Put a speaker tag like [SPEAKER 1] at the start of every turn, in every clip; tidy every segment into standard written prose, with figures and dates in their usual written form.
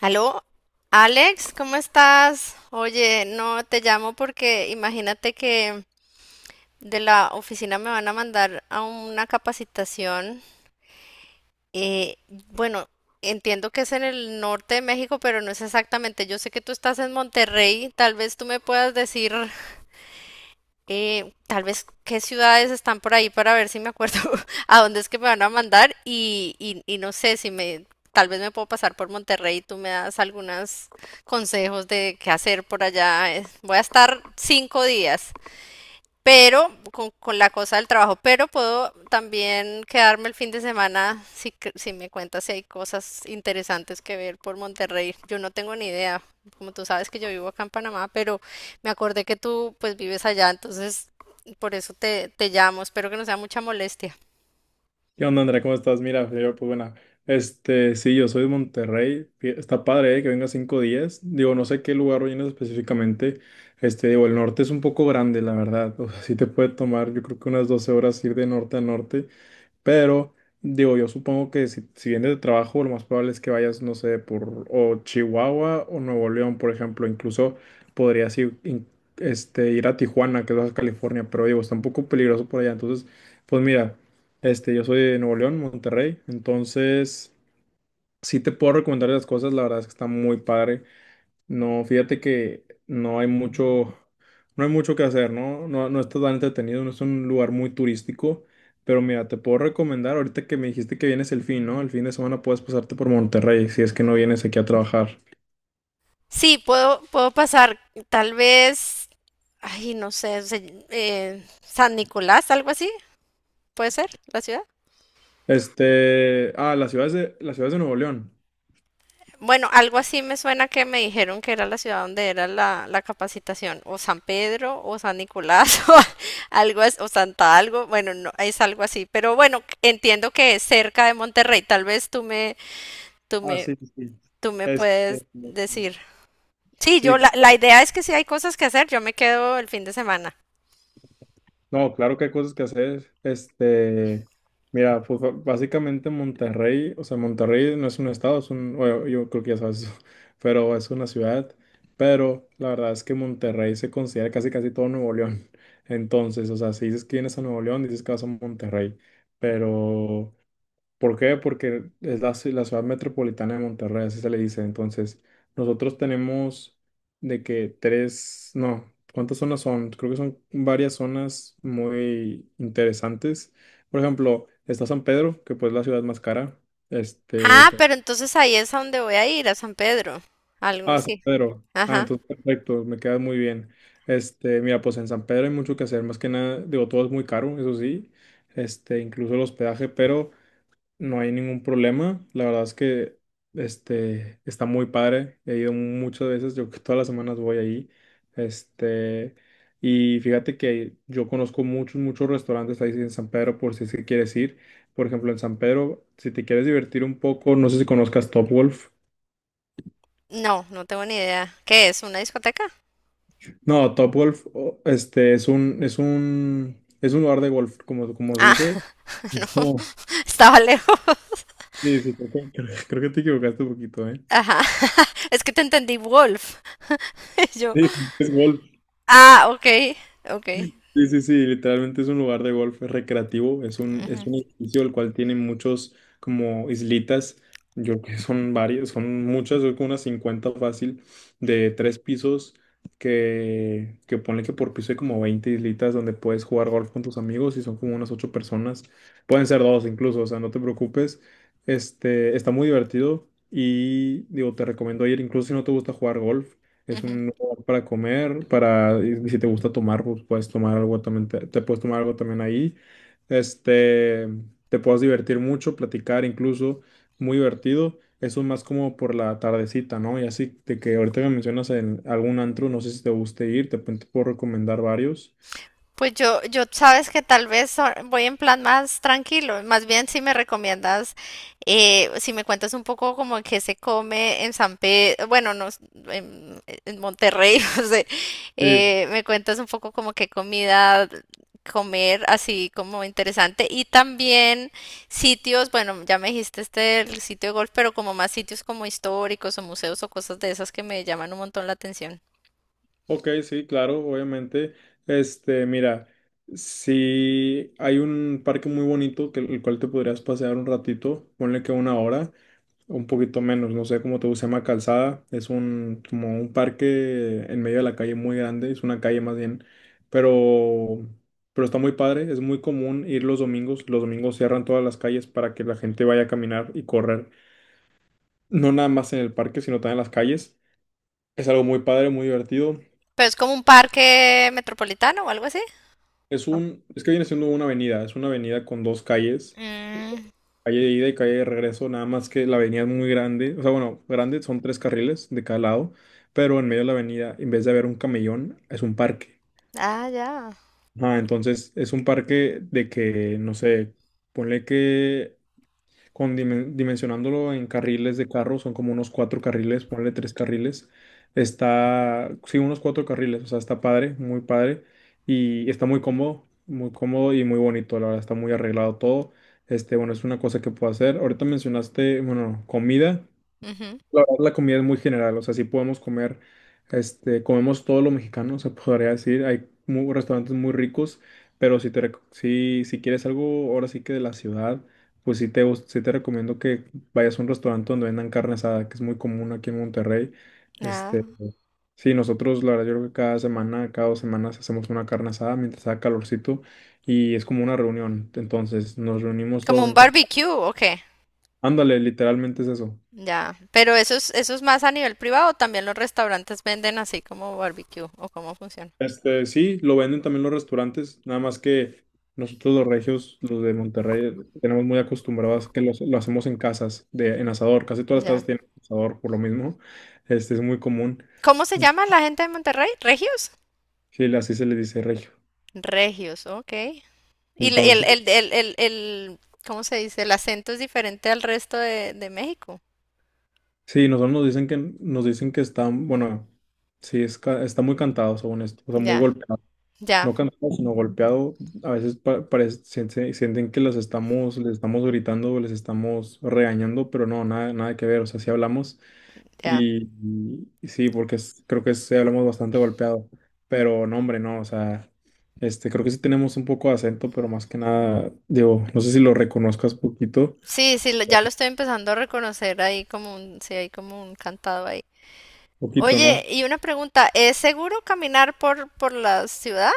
[SPEAKER 1] Aló, Alex, ¿cómo estás? Oye, no te llamo porque imagínate que de la oficina me van a mandar a una capacitación. Eh, bueno, Entiendo que es en el norte de México, pero no es exactamente. Yo sé que tú estás en Monterrey, tal vez tú me puedas decir tal vez qué ciudades están por ahí para ver si me acuerdo a dónde es que me van a mandar y no sé si tal vez me puedo pasar por Monterrey y tú me das algunos consejos de qué hacer por allá. Voy a estar 5 días pero con la cosa del trabajo, pero puedo también quedarme el fin de semana si, cre- si me cuentas si hay cosas interesantes que ver por Monterrey. Yo no tengo ni idea, como tú sabes que yo vivo acá en Panamá, pero me acordé que tú pues vives allá, entonces por eso te llamo, espero que no sea mucha molestia.
[SPEAKER 2] ¿Qué onda, Andrea? ¿Cómo estás? Mira, yo, pues bueno, sí, yo soy de Monterrey. Está padre, ¿eh?, que venga 5 días. Digo, no sé qué lugar vienes específicamente. Digo, el norte es un poco grande, la verdad. O sea, sí te puede tomar, yo creo que unas 12 horas ir de norte a norte. Pero digo, yo supongo que si vienes de trabajo, lo más probable es que vayas, no sé, por o Chihuahua o Nuevo León, por ejemplo. Incluso podrías ir, ir a Tijuana, que es Baja California, pero digo, está un poco peligroso por allá. Entonces, pues mira, yo soy de Nuevo León, Monterrey. Entonces, sí te puedo recomendar las cosas, la verdad es que está muy padre. No, fíjate que no hay mucho que hacer, ¿no? No, no está tan entretenido, no es un lugar muy turístico, pero mira, te puedo recomendar, ahorita que me dijiste que vienes el fin, ¿no? El fin de semana puedes pasarte por Monterrey si es que no vienes aquí a trabajar.
[SPEAKER 1] Sí, puedo pasar tal vez, ay, no sé, se- San Nicolás, algo así, ¿puede ser la ciudad?
[SPEAKER 2] Las ciudades de Nuevo León.
[SPEAKER 1] Bueno, algo así me suena que me dijeron que era la ciudad donde era la capacitación, o San Pedro, o San Nicolás, o algo, as- o Santa algo, bueno, no, es algo así, pero bueno, entiendo que es cerca de Monterrey, tal vez tú me, tú
[SPEAKER 2] Ah,
[SPEAKER 1] me,
[SPEAKER 2] sí, sí, sí.
[SPEAKER 1] tú me
[SPEAKER 2] Este,
[SPEAKER 1] puedes decir. Sí,
[SPEAKER 2] sí,
[SPEAKER 1] la idea es que si hay cosas que hacer, yo me quedo el fin de semana.
[SPEAKER 2] no, claro que hay cosas que hacer. Mira, pues básicamente Monterrey, o sea, Monterrey no es un estado, es un, bueno, yo creo que ya sabes eso, pero es una ciudad. Pero la verdad es que Monterrey se considera casi casi todo Nuevo León. Entonces, o sea, si dices que vienes a Nuevo León, dices que vas a Monterrey. Pero, ¿por qué? Porque es la ciudad metropolitana de Monterrey, así se le dice. Entonces, nosotros tenemos de que tres, no, ¿cuántas zonas son? Creo que son varias zonas muy interesantes. Por ejemplo, está San Pedro, que pues es la ciudad más cara. Este, de
[SPEAKER 1] Ah,
[SPEAKER 2] to-
[SPEAKER 1] pero entonces ahí es a donde voy a ir, a San Pedro, algo
[SPEAKER 2] San
[SPEAKER 1] así.
[SPEAKER 2] Pedro. Ah,
[SPEAKER 1] Ajá.
[SPEAKER 2] entonces perfecto, me queda muy bien. Mira, pues en San Pedro hay mucho que hacer, más que nada, digo, todo es muy caro, eso sí, incluso el hospedaje, pero no hay ningún problema. La verdad es que está muy padre. He ido muchas veces, yo que todas las semanas voy ahí. Este, y fíjate que yo conozco muchos, muchos restaurantes ahí en San Pedro por si es que quieres ir. Por ejemplo, en San Pedro, si te quieres divertir un poco, no sé si conozcas Topgolf.
[SPEAKER 1] No, no tengo ni idea. ¿Qué es? ¿Una discoteca?
[SPEAKER 2] No, Topgolf, es un lugar de golf, como se
[SPEAKER 1] Ah,
[SPEAKER 2] dice.
[SPEAKER 1] no,
[SPEAKER 2] Es como-
[SPEAKER 1] estaba lejos.
[SPEAKER 2] Sí, sí, creo que te equivocaste un poquito, ¿eh?
[SPEAKER 1] Ajá, es que te entendí Wolf. Yo,
[SPEAKER 2] Sí, es golf.
[SPEAKER 1] ah, ok, ok.
[SPEAKER 2] Sí, sí, sí, literalmente es un lugar de golf recreativo, es un, es
[SPEAKER 1] Ujú,
[SPEAKER 2] un edificio el cual tiene muchos como islitas, yo creo que son varias, son muchas, yo creo que unas 50 fácil, de tres pisos, que ponle que por piso hay como 20 islitas donde puedes jugar golf con tus amigos y son como unas ocho personas, pueden ser dos incluso, o sea, no te preocupes, está muy divertido y digo, te recomiendo ir, incluso si no te gusta jugar golf, es
[SPEAKER 1] ujú.
[SPEAKER 2] un para comer, para, y si te gusta tomar, pues puedes tomar algo también, te puedes tomar algo también ahí. Este, te puedes divertir mucho, platicar incluso, muy divertido. Eso más como por la tardecita, ¿no? Y así de que ahorita me mencionas en algún antro, no sé si te guste ir, te puedo recomendar varios.
[SPEAKER 1] Pues yo sabes que tal vez so- voy en plan más tranquilo. Más bien si me recomiendas, si me cuentas un poco como que se come en San Pedro, bueno, no, s- en, en Monterrey, no sé,
[SPEAKER 2] Sí.
[SPEAKER 1] me cuentas un poco como qué comida comer, así como interesante. Y también sitios, bueno, ya me dijiste este el sitio de golf, pero como más sitios como históricos o museos o cosas de esas que me llaman un montón la atención.
[SPEAKER 2] Ok, sí, claro, obviamente. Mira, si hay un parque muy bonito que el cual te podrías pasear un ratito, ponle que una hora. Un poquito menos, no sé cómo te gusta, se llama Calzada, es un, como un parque en medio de la calle muy grande, es una calle más bien, pero, pero está muy padre, es muy común ir los domingos cierran todas las calles para que la gente vaya a caminar y correr, no nada más en el parque, sino también en las calles, es algo muy padre, muy divertido,
[SPEAKER 1] Pero es como un parque metropolitano o algo así. Oh,
[SPEAKER 2] es que viene siendo una avenida, es una avenida con dos calles.
[SPEAKER 1] mm,
[SPEAKER 2] Calle de ida y calle de regreso, nada más que la avenida es muy grande, o sea, bueno, grande, son tres carriles de cada lado, pero en medio de la avenida, en vez de haber un camellón, es un parque.
[SPEAKER 1] ah, ya.
[SPEAKER 2] Ah, entonces es un parque de que, no sé, ponle que con dimensionándolo en carriles de carro, son como unos cuatro carriles, ponle tres carriles. Está, sí, unos cuatro carriles, o sea, está padre, muy padre y está muy cómodo y muy bonito, la verdad, está muy arreglado todo. Bueno, es una cosa que puedo hacer. Ahorita mencionaste, bueno, comida.
[SPEAKER 1] Ujú,
[SPEAKER 2] La verdad, la comida es muy general, o sea, sí podemos comer, comemos todo lo mexicano, se podría decir, hay restaurantes muy ricos, pero si te, rec- si, si quieres algo ahora sí que de la ciudad, pues sí te recomiendo que vayas a un restaurante donde vendan carne asada, que es muy común aquí en Monterrey, este,
[SPEAKER 1] ah.
[SPEAKER 2] sí, nosotros, la verdad, yo creo que cada semana, cada 2 semanas hacemos una carne asada mientras haga calorcito, y es como una reunión, entonces nos reunimos
[SPEAKER 1] Como
[SPEAKER 2] todos
[SPEAKER 1] un
[SPEAKER 2] en casa,
[SPEAKER 1] barbecue, ok.
[SPEAKER 2] ándale, literalmente es eso.
[SPEAKER 1] Ya. Pero eso es más a nivel privado. También los restaurantes venden así como barbecue o cómo funciona.
[SPEAKER 2] Sí, lo venden también los restaurantes, nada más que nosotros los regios, los de Monterrey, tenemos muy acostumbrados que lo hacemos en casas, en asador. Casi todas las
[SPEAKER 1] Ya.
[SPEAKER 2] casas tienen asador por lo mismo. Este es muy común.
[SPEAKER 1] ¿Cómo se llama la gente de Monterrey? ¿Regios?
[SPEAKER 2] Sí, así se le dice regio.
[SPEAKER 1] Regios, ok. Y le-
[SPEAKER 2] Entonces,
[SPEAKER 1] ¿cómo se dice? El acento es diferente al resto de México.
[SPEAKER 2] sí, nosotros nos dicen que están, bueno, sí, está muy cantado según esto, o sea, muy
[SPEAKER 1] Ya,
[SPEAKER 2] golpeado.
[SPEAKER 1] ya,
[SPEAKER 2] No cantado, sino golpeado, a veces sienten que les estamos gritando, o les estamos regañando, pero no, nada, nada que ver, o sea, sí hablamos
[SPEAKER 1] ya.
[SPEAKER 2] y, y sí, porque creo que sí hablamos bastante golpeado, pero no, hombre, no, o sea, creo que sí tenemos un poco de acento, pero más que nada, digo, no sé si lo reconozcas poquito,
[SPEAKER 1] Sí, sí, lo- ya lo estoy empezando a reconocer ahí como un, sí, hay como un cantado ahí.
[SPEAKER 2] poquito, ¿no?
[SPEAKER 1] Oye, y una pregunta, ¿es seguro caminar por la ciudad?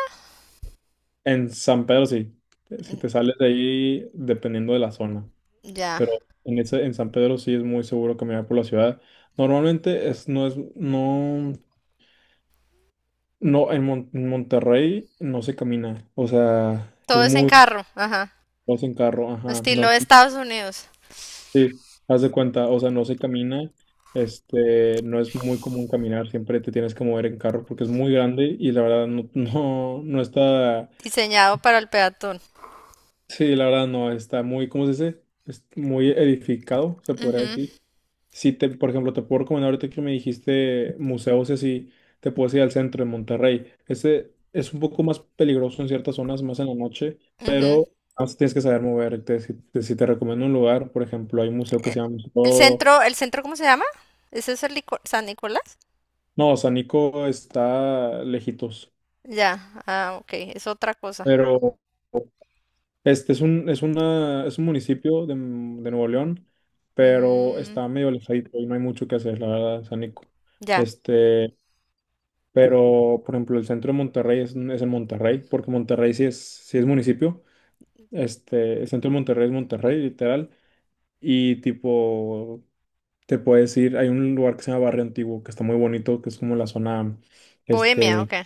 [SPEAKER 2] En San Pedro sí, si te sales de ahí, dependiendo de la zona.
[SPEAKER 1] Ya.
[SPEAKER 2] Pero en San Pedro sí es muy seguro caminar por la ciudad. Normalmente es, no, no, en, Mon- en Monterrey no se camina, o sea,
[SPEAKER 1] Todo
[SPEAKER 2] es
[SPEAKER 1] es en
[SPEAKER 2] muy,
[SPEAKER 1] carro, ajá.
[SPEAKER 2] vas en carro, ajá,
[SPEAKER 1] Estilo
[SPEAKER 2] no,
[SPEAKER 1] Estados Unidos,
[SPEAKER 2] sí, haz de cuenta, o sea, no se camina, no es muy común caminar, siempre te tienes que mover en carro porque es muy grande y la verdad no, no, no está,
[SPEAKER 1] diseñado para el peatón.
[SPEAKER 2] sí, la verdad no, está muy, ¿cómo se dice? Es muy edificado, se podría
[SPEAKER 1] Ujú,
[SPEAKER 2] decir. Si te, por ejemplo, te puedo recomendar ahorita que me dijiste museos y así, te puedes ir al centro de Monterrey. Este es un poco más peligroso en ciertas zonas, más en la noche,
[SPEAKER 1] ujú.
[SPEAKER 2] pero más tienes que saber moverte. Si te recomiendo un lugar, por ejemplo, hay un museo que se llama Museo...
[SPEAKER 1] ¿El centro cómo se llama? ¿Ese es el Nico- San Nicolás?
[SPEAKER 2] No, San Nico está lejitos,
[SPEAKER 1] Ya, ah, ok, es otra cosa.
[SPEAKER 2] pero este es un, es una, es un municipio de Nuevo León, pero
[SPEAKER 1] Mm,
[SPEAKER 2] está medio alejadito y no hay mucho que hacer, la verdad, San Nico.
[SPEAKER 1] ya.
[SPEAKER 2] Este, Pero, por ejemplo, el centro de Monterrey es en Monterrey, porque Monterrey sí es municipio. El centro de Monterrey es Monterrey, literal. Y tipo, te puedes ir, hay un lugar que se llama Barrio Antiguo, que está muy bonito, que es como la zona,
[SPEAKER 1] Bohemia,
[SPEAKER 2] este,
[SPEAKER 1] ok.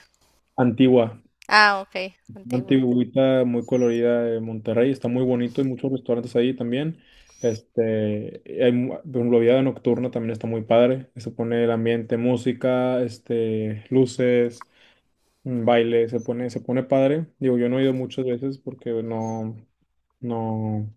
[SPEAKER 2] antigua,
[SPEAKER 1] Ah, ok. Antigua.
[SPEAKER 2] antiguita, muy colorida de Monterrey. Está muy bonito, hay muchos restaurantes ahí también. Por ejemplo, vida nocturna también está muy padre. Se pone el ambiente, música, luces. Un baile, se pone padre. Digo, yo no he ido muchas veces porque no, no,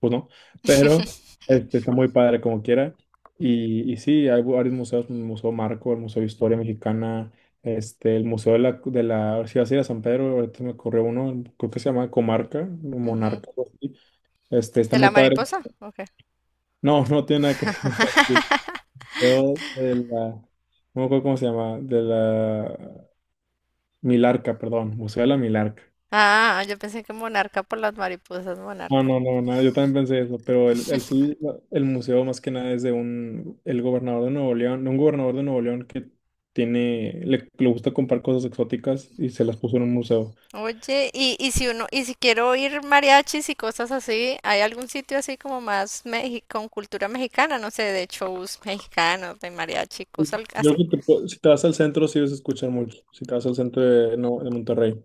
[SPEAKER 2] pues no, pero está muy padre como quiera. Y sí, hay varios museos, el Museo Marco, el Museo de Historia Mexicana, el Museo de la, si vas a ir a San Pedro, ahorita me corrió uno, creo que se llama Comarca, o
[SPEAKER 1] Ujú.
[SPEAKER 2] Monarca, algo así. Está
[SPEAKER 1] ¿De
[SPEAKER 2] muy
[SPEAKER 1] la
[SPEAKER 2] padre.
[SPEAKER 1] mariposa? Ok.
[SPEAKER 2] No, no tiene nada que ver. Sí, pero no me acuerdo cómo se llama, de la Milarca, perdón, Museo de la Milarca.
[SPEAKER 1] Ah, yo pensé que monarca por las mariposas,
[SPEAKER 2] No,
[SPEAKER 1] monarca.
[SPEAKER 2] no, no, nada, yo también pensé eso, pero el sí, el museo más que nada es de el gobernador de Nuevo León, de un gobernador de Nuevo León que le gusta comprar cosas exóticas y se las puso en un museo.
[SPEAKER 1] Oye, y si uno, y si quiero oír mariachis y cosas así, ¿hay algún sitio así como más mexi- con cultura mexicana? No sé, de shows mexicanos, de mariachi, cosas al-
[SPEAKER 2] Yo
[SPEAKER 1] así.
[SPEAKER 2] creo que si te vas al centro sí vas a escuchar mucho, si te vas al centro de, no, de Monterrey.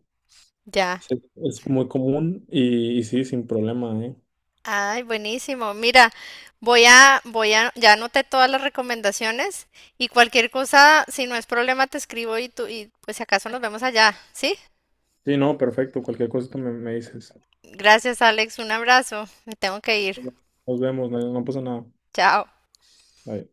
[SPEAKER 1] Ya.
[SPEAKER 2] Sí, es muy común y sí, sin problema, ¿eh?
[SPEAKER 1] Ay, buenísimo. Mira, ya anoté todas las recomendaciones y cualquier cosa, si no es problema, te escribo y tú, y pues si acaso nos vemos allá, ¿sí?
[SPEAKER 2] Sí, no, perfecto, cualquier cosa que me dices.
[SPEAKER 1] Gracias, Alex. Un abrazo. Me tengo que ir.
[SPEAKER 2] Nos vemos, no, no pasa nada.
[SPEAKER 1] Chao.
[SPEAKER 2] Bye.